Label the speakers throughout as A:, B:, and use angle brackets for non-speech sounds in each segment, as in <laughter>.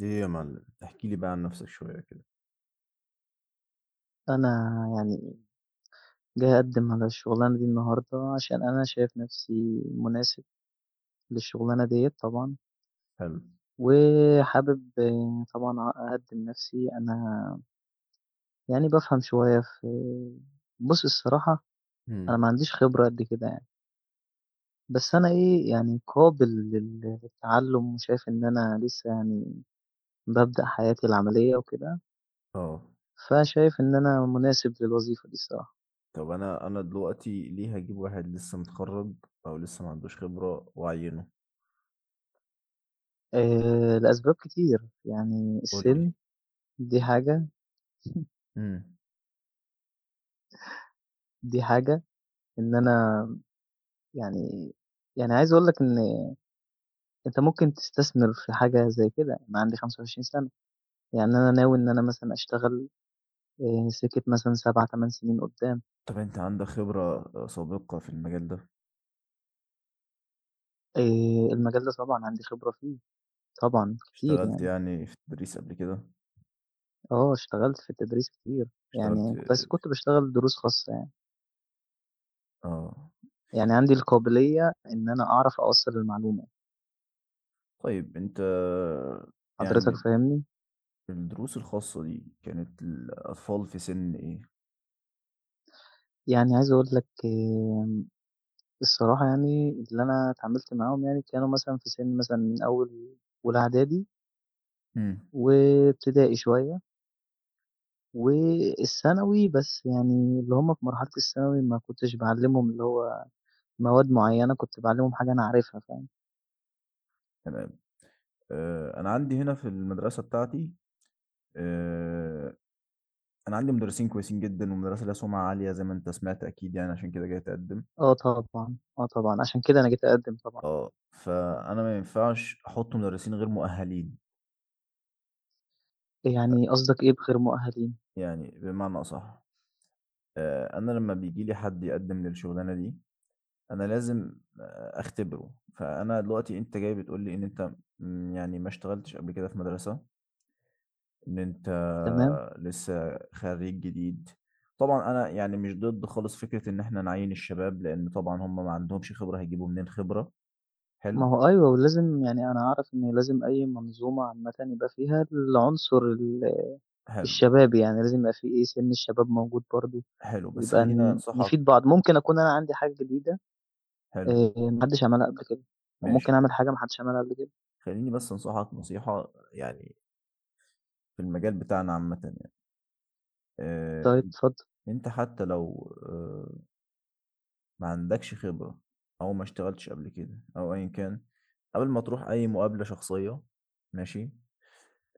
A: ايه يا معلم، احكي لي بقى عن نفسك شوية كده.
B: أنا يعني جاي أقدّم على الشغلانة دي النهارده، عشان أنا شايف نفسي مناسب للشغلانة ديّة طبعًا،
A: حلو.
B: وحابب طبعًا أقدّم نفسي، أنا يعني بافهم شوية في بُص الصراحة أنا
A: مم.
B: ما عنديش خبرة قد كده يعني، بس أنا إيه يعني قابل للتعلّم، وشايف إن أنا لسه يعني بابدأ حياتي العملية وكده،
A: اه،
B: فشايف إن أنا مناسب للوظيفة دي الصراحة،
A: طب انا دلوقتي ليه هجيب واحد لسه متخرج او لسه ما عندوش خبرة واعينه؟
B: لأسباب كتير يعني
A: قول لي.
B: السِن دي حاجة
A: مم.
B: دي حاجة، إن أنا يعني يعني عايز أقول لك إن أنت ممكن تستثمر في حاجة زي كده، أنا عندي 25 سَنة، يعني أنا ناوي إن أنا مثلًا أشتغل سكة مثلًا 7، 8 سنين قدّام،
A: طب انت عندك خبرة سابقة في المجال ده؟
B: آآ المجال ده طبعًا عندي خبرة فيه، طبعًا كتير
A: اشتغلت
B: يعني،
A: يعني في التدريس قبل كده؟
B: آه اشتغلت في التدريس كتير،
A: اشتغلت؟
B: يعني بس كنت باشتغل دروس خاصة يعني،
A: اه،
B: يعني عندي القابلية إن أنا أعرف أوصّل المعلومة،
A: طيب انت
B: حضرتك
A: يعني،
B: فاهمني؟
A: الدروس الخاصة دي كانت الأطفال في سن ايه؟
B: يعني عايز أقول لك الصراحة يعني اللي أنا اتعاملت معاهم يعني كانوا مثلًا في سِن مثلًا من أول أولى إعدادي
A: مم.
B: وابتدائي شوية والثانوي، بس يعني اللي هم في مرحلة الثانوي ما كنتش باعلّمهم اللي هو مواد معيّنة، كنت باعلّمهم حاجة أنا عارفها فاهم؟
A: تمام. انا عندي هنا في المدرسه بتاعتي. آه، انا عندي مدرسين كويسين جدا ومدرسه لها سمعه عاليه، زي ما انت سمعت اكيد، يعني عشان كده جاي اتقدم.
B: آه طبعًا، آه طبعًا، عشان كده أنا جيت أقدّم طبعًا.
A: اه، فانا ما ينفعش احط مدرسين غير مؤهلين.
B: يعني قصدك إيه بغير مؤهلين؟
A: يعني بمعنى اصح، انا لما بيجي لي حد يقدم للشغلانه دي انا لازم اختبره. فانا دلوقتي انت جاي بتقول لي ان انت يعني ما اشتغلتش قبل كده في مدرسه، ان انت
B: تمام،
A: لسه خريج جديد. طبعا انا يعني مش ضد خالص فكره ان احنا نعين الشباب، لان طبعا هم ما عندهمش خبره، هيجيبوا منين خبره؟ حلو،
B: ما هو أيوه ولازم يعني أنا أعرف إن لازم أي منظومة عامةً يبقى فيها العنصر ال
A: حلو،
B: الشباب، يعني لازم يبقى في إيه، سِن الشباب موجود برضه.
A: حلو، بس
B: يبقى
A: خلّيني
B: ن
A: أنصحك.
B: نفيد بعض. ممكن أكون أنا عندي حاجة جديدة
A: حلو.
B: ما حدّش عملها قبل كده،
A: ماشي.
B: وممكن أعمل حاجة ما حدّش عملها قبل كده.
A: خلّيني بس أنصحك نصيحة يعني، في المجال بتاعنا عامةً، يعني، آآ
B: طيب اتفضل،
A: أنت حتى لو ما عندكش خبرة أو ما اشتغلتش قبل كده أو أيًا كان، قبل ما تروح أي مقابلة شخصية، ماشي،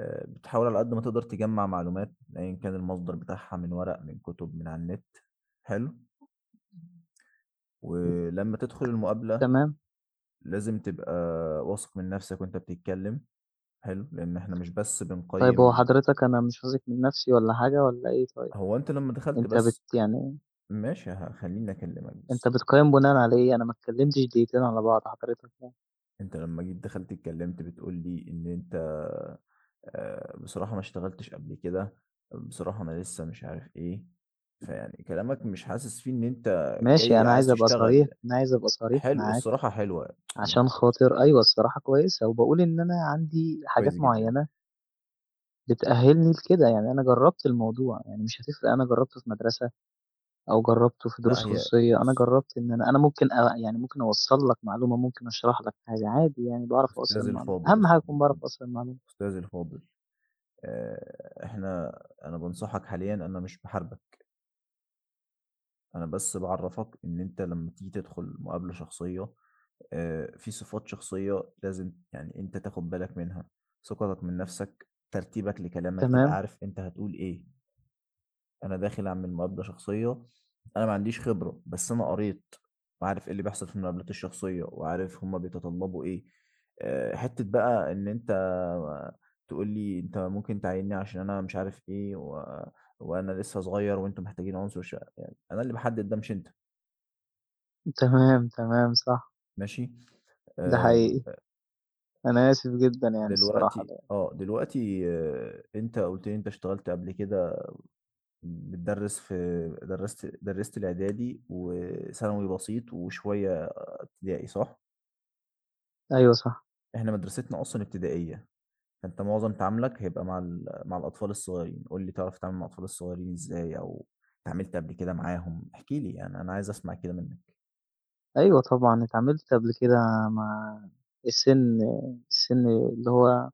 A: بتحاول على قد ما تقدر تجمّع معلومات، أيًا كان المصدر بتاعها، من ورق، من كتب، من على النت، حلو، ولمّا تدخل المقابلة
B: تمام.
A: لازم تبقى واثق من نفسك وأنت بتتكلم. حلو. لإن إحنا مش بس
B: طيب هو
A: بنقيّم.
B: حضرتك أنا مش واثق من نَفْسي والّا حاجة والّا إيه طيب؟
A: هو أنت لمّا دخلت
B: أنت بت
A: بس،
B: يعني
A: ماشي، خلّيني أكلّمك
B: أنت
A: بس.
B: بتقيّم بناءً على إيه؟ أنا ما اتكلّمتش دقيقتين على بعض حضرتك يعني.
A: أنت لمّا جيت دخلت اتكلّمت بتقول لي إن أنت بصراحة ما اشتغلتش قبل كده، بصراحة أنا لسه مش عارف إيه، فيعني كلامك مش حاسس فيه إن أنت
B: ماشي
A: جاي
B: أنا
A: عايز
B: عايز أبقى صريح،
A: تشتغل.
B: أنا عايز أبقى صريح
A: حلو،
B: معاك
A: الصراحة حلوة. <tsk> ما
B: عشان
A: اختلف.
B: خاطر أيوه الصراحة كويسة، وباقول إن أنا عندي حاجات
A: كويس جدًا.
B: معيّنة بتأهّلني لكده، يعني أنا جرّبت الموضوع، يعني مش هتفرق أنا جرّبته في مدرسة او جربته في
A: لأ،
B: دروس
A: هي
B: خصوصيه انا
A: بُص،
B: جربت ان انا ممكن يعني ممكن اوصل لك معلومه ممكن اشرح لك حاجه عادي يعني بعرف اوصل
A: أستاذي
B: المعلومه
A: الفاضل،
B: اهم حاجه
A: أستاذي
B: اكون بعرف
A: الفاضل،
B: اوصل المعلومه
A: أستاذي الفاضل، إحنا، أنا بانصحك حاليًا، أنا مش باحاربك. انا بس بعرفك ان انت لما تيجي تدخل مقابلة شخصية في صفات شخصية لازم يعني انت تاخد بالك منها، ثقتك من نفسك، ترتيبك لكلامك، تبقى
B: تمام
A: عارف انت هتقول ايه. انا داخل اعمل مقابلة شخصية، انا ما عنديش خبرة بس انا قريت وعارف ايه اللي بيحصل في المقابلات الشخصية وعارف هما بيتطلبوا ايه. حتة بقى ان انت تقول لي انت ممكن تعيني عشان انا مش عارف ايه وانا لسه صغير وانتم محتاجين عنصر شقة. يعني انا اللي بحدد ده، مش انت.
B: تمام تمام صح
A: ماشي.
B: ده
A: آه،
B: حقيقي انا اسف جدا يعني الصراحه
A: دلوقتي
B: لا.
A: اه دلوقتي آه، انت قلت لي انت اشتغلت قبل كده، بتدرس في، درست الاعدادي وثانوي بسيط وشويه ابتدائي، صح؟
B: ايوه صح
A: احنا مدرستنا اصلا ابتدائيه. فانت معظم تعاملك هيبقى مع الاطفال الصغيرين. قول لي، تعرف تتعامل مع الاطفال الصغيرين ازاي، او اتعاملت قبل كده معاهم؟ احكي لي، يعني انا عايز اسمع كده منك.
B: ايوه طبعا اتعاملت قبل كده مع السن السن اللي هو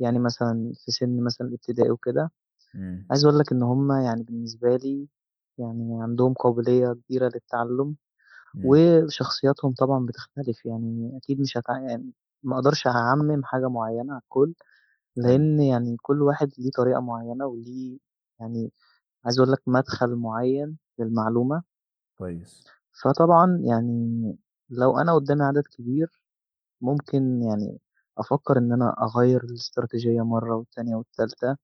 B: يعني مثلا في سن مثلا الابتدائي وكده
A: امم.
B: عايز اقول لك ان هم يعني بالنسبه لي يعني عندهم قابليه كبيره للتعلم
A: امم.
B: وشخصياتهم طبعًا بتختلف، يعني أكيد مش هتع يعني ما أقدرش أعمِّم حاجة معيّنة على الكل،
A: حلو.
B: لإن يعني كل واحد ليه طريقة معيّنة وليه يعني عايز أقول لك مدخل معيّن للمعلومة،
A: كويس.
B: فطبعًا يعني لو أنا قدّامي عدد كبير ممكن يعني أفكّر إن أنا أغيّر الاستراتيجية مرّة والتانية والتالتة.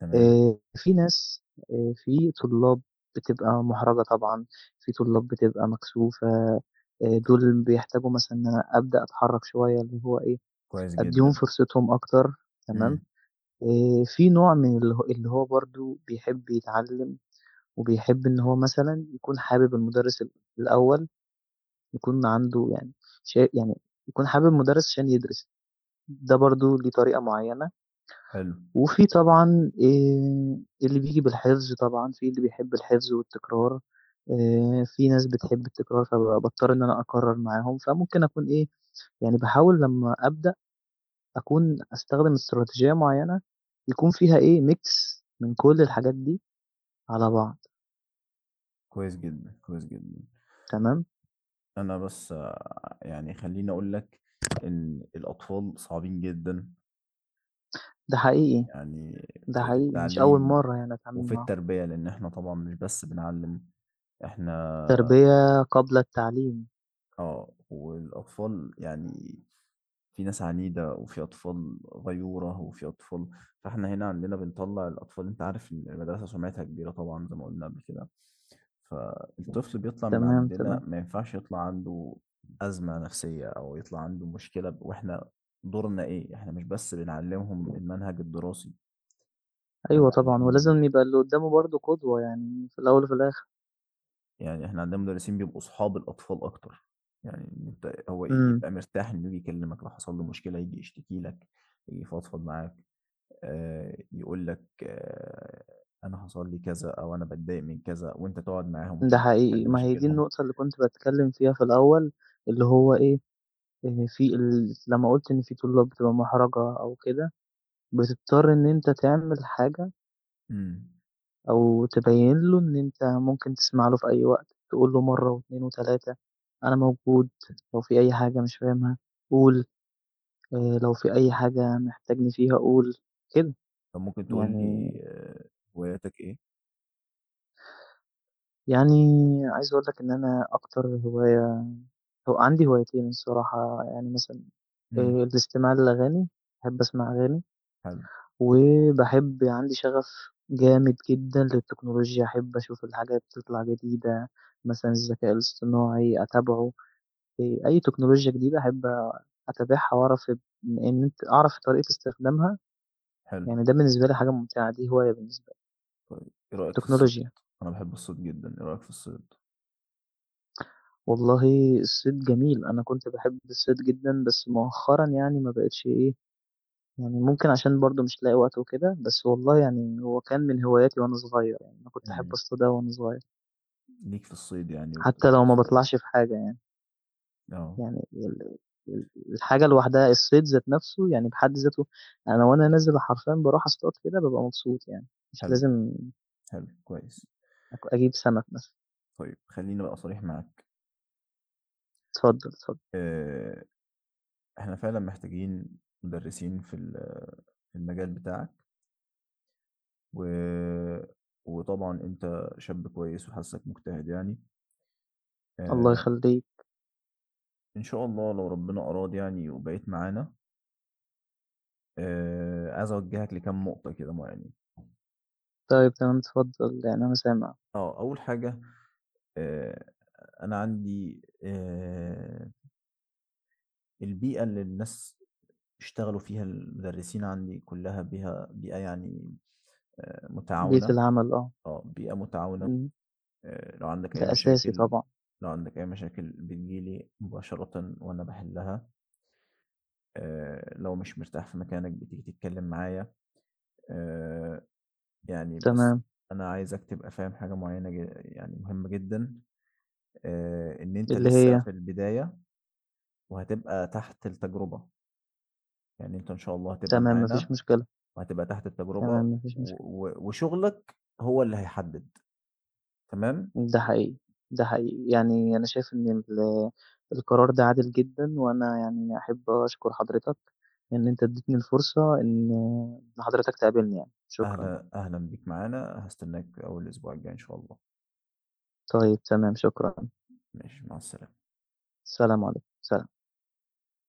A: تمام.
B: آآ في ناس في طلاب بتبقى مُحرَجة طبعًا، في طلاب بتبقى مكسوفة، دول بيحتاجوا مثلًا إن أنا أبدأ أتحرّك شوية اللي هو إيه،
A: كويس
B: أدّيهم
A: جدا.
B: فرصتهم أكتر تمام،
A: امم.
B: في نوع من اللي هو برضه بيحب يتعلّم وبيحب إن هو مثلًا يكون حابب المُدرِّس الأول، يكون عنده يعني يعني يكون حابب المُدرِّس عشان يدرس، ده برضه ليه طريقة معيّنة
A: حلو.
B: وفي طبعًا اللي بييجي بالحفظ طبعًا، في اللي بيحب الحفظ والتكرار، في ناس بتحب التكرار فباضطر إن أنا أكرر معاهم، فممكن أكون إيه، يعني باحاول لمّا أبدأ أكون أستخدم استراتيجية معيّنة يكون فيها إيه، mix من كل الحاجات دي على بعض
A: كويس جدا، كويس جدا.
B: تمام،
A: أنا بس يعني خلّيني أقول لك إن الأطفال صعبين جدًا،
B: ده حقيقي،
A: يعني
B: ده
A: في
B: حقيقي مش أول
A: التعليم
B: مرّة يعني أتعامل
A: وفي
B: معاهم.
A: التربية، لإن إحنا طبعًا مش بس بنعلّم، إحنا
B: تربية قبل التعليم،
A: والأطفال يعني، في ناس عنيدة وفي أطفال غيورة وفي أطفال، فإحنا هنا عندنا بنطلع الأطفال. أنت عارف المدرسة سمعتها كبيرة طبعا زي ما قلنا قبل كده، فالطفل بيطلع من
B: تمام،
A: عندنا
B: تمام.
A: ما ينفعش يطلع عنده أزمة نفسية أو يطلع عنده مشكلة. وإحنا دورنا إيه؟ إحنا مش بس بنعلمهم المنهج الدراسي، إحنا
B: أيوه طبعًا،
A: بنعلمهم.
B: ولازم يبقى اللي قدّامه برضه قدوة يعني في الأول وفي الآخر.
A: يعني إحنا عندنا مدرسين بيبقوا أصحاب الأطفال أكتر، يعني أنت هو
B: إمم.
A: يبقى مرتاح إنه يجي يكلمك، لو حصل له مشكلة يجي يشتكي لك، يجي يفضفض معاك، يقول لك أنا حصل لي كذا، أو أنا باتضايق من كذا، وأنت تقعد معاهم
B: ده
A: وتبدأ تحل
B: حقيقي، ما هي دي
A: مشاكلهم.
B: النقطة اللي كنت باتكلّم فيها في الأول، اللي هو إيه، في ال لمّا قُلت إن في طلاب بتبقى مُحرَجة أو كده، بتضطر إن أنت تعمل حاجة
A: إمم.
B: أو تبيّن له إن أنت ممكن تسمع له في أي وقت، تقول له مرّة و2 و3 أنا موجود، لو في أي حاجة مش فاهمها قُل، لو في أي حاجة محتاجني فيها قُل، كده.
A: طب ممكن تقول
B: يعني
A: لي، هواياتك إيه؟
B: يعني عايز أقول لك إن أنا أكتر هواية هو عندي هوايتين الصراحة، يعني مثلًا
A: إمم.
B: الاستماع للأغاني، باحب أسمع أغاني،
A: حلو،
B: وباحب عندي شغف جامد جدًا للتكنولوجيا، أحب أشوف الحاجات تطلع جديدة، مثلًا الذكاء الاصطناعي أتابعه، أي تكنولوجيا جديدة أحب أتابعها وأعرف إن أنت أعرف طريقة استخدامها،
A: حلو.
B: يعني ده بالنسبة لي حاجة ممتعة، دي هواية بالنسبة لي.
A: طيب إيه رأيك في الصيد؟
B: التكنولوجيا،
A: أنا باحب الصيد جدًا، إيه رأيك في الصيد؟
B: والله الصيد جميل، أنا كنت باحب الصيد جدًا، بس مؤخرًا يعني ما بقيتش إيه يعني ممكن عشان برضه مش لاقي وقت وكده، بس والله يعني هو كان من هواياتي وأنا صغير، يعني أنا كنت أحب
A: إمم.
B: أصطاد أوي وأنا صغير،
A: ليك في الصيد، يعني
B: حتى
A: وبتطلع
B: لو ما
A: تصطاد؟
B: باطلعش في حاجة يعني،
A: آه.
B: يعني ال ال الحاجة لوحدها الصيد ذات نَفْسه يعني بحد ذاته أنا وأنا نازل حرفيًا باروح أصطاد كده بابقى مبسوط يعني، مش
A: حلو،
B: لازم
A: حلو، كويس.
B: أجيب سَمَك مثلًا.
A: طيب خلّيني بقى صريح معاك،
B: اتفضل، اتفضل.
A: آآ إحنا فعلًا محتاجين مدرسين في المجال بتاعك. و... وطبعا انت شاب كويس وحاسك مجتهد يعني،
B: الله
A: آه
B: يخلّيك.
A: ان شاء الله لو ربنا اراد يعني وبقيت معانا، عايز اوجهك لكام نقطة كده معينين.
B: طيب تمام، اتفضل، يعني أنا سامع.
A: اه، اول حاجة، آه انا عندي البيئة اللي الناس اشتغلوا فيها المدرسين عندي كلها بيها بيئة يعني
B: بيئة
A: متعاونة.
B: العمل آه،
A: اه، بيئة متعاونة.
B: إمم،
A: آه لو عندك اي
B: ده أساسي
A: مشاكل
B: طبعًا.
A: لو عندك اي مشاكل بتجيلي مباشرة وانا بحلها. لو مش مرتاح في مكانك بتيجي تتكلم معايا. آه، يعني بس
B: تمام،
A: انا عايزك تبقى فاهم حاجة معينة يعني مهمة جدا. ان انت
B: اللي
A: لسه
B: هي؟
A: في البداية وهتبقى تحت التجربة، يعني انت ان شاء الله هتبقى
B: تمام، ما فيش
A: معانا
B: مشكلة،
A: وهتبقى تحت التجربة
B: تمام، ما فيش مشكلة.
A: وشغلك هو اللي هيحدد. تمام.
B: ده حقيقي، ده حقيقي. يعني أنا شايف إن القرار ده عادل جدًا، وأنا يعني أحب أشكر حضرتك إن أنت ادّيتني الفرصة إن حضرتك تقابلني يعني، شكرًا.
A: اهلا، اهلا بيك معانا. هستناك اول اسبوع الجاي ان شاء الله.
B: طيب تمام، شكرًا.
A: ماشي، مع السلامة.
B: سلام عليكم، سلام.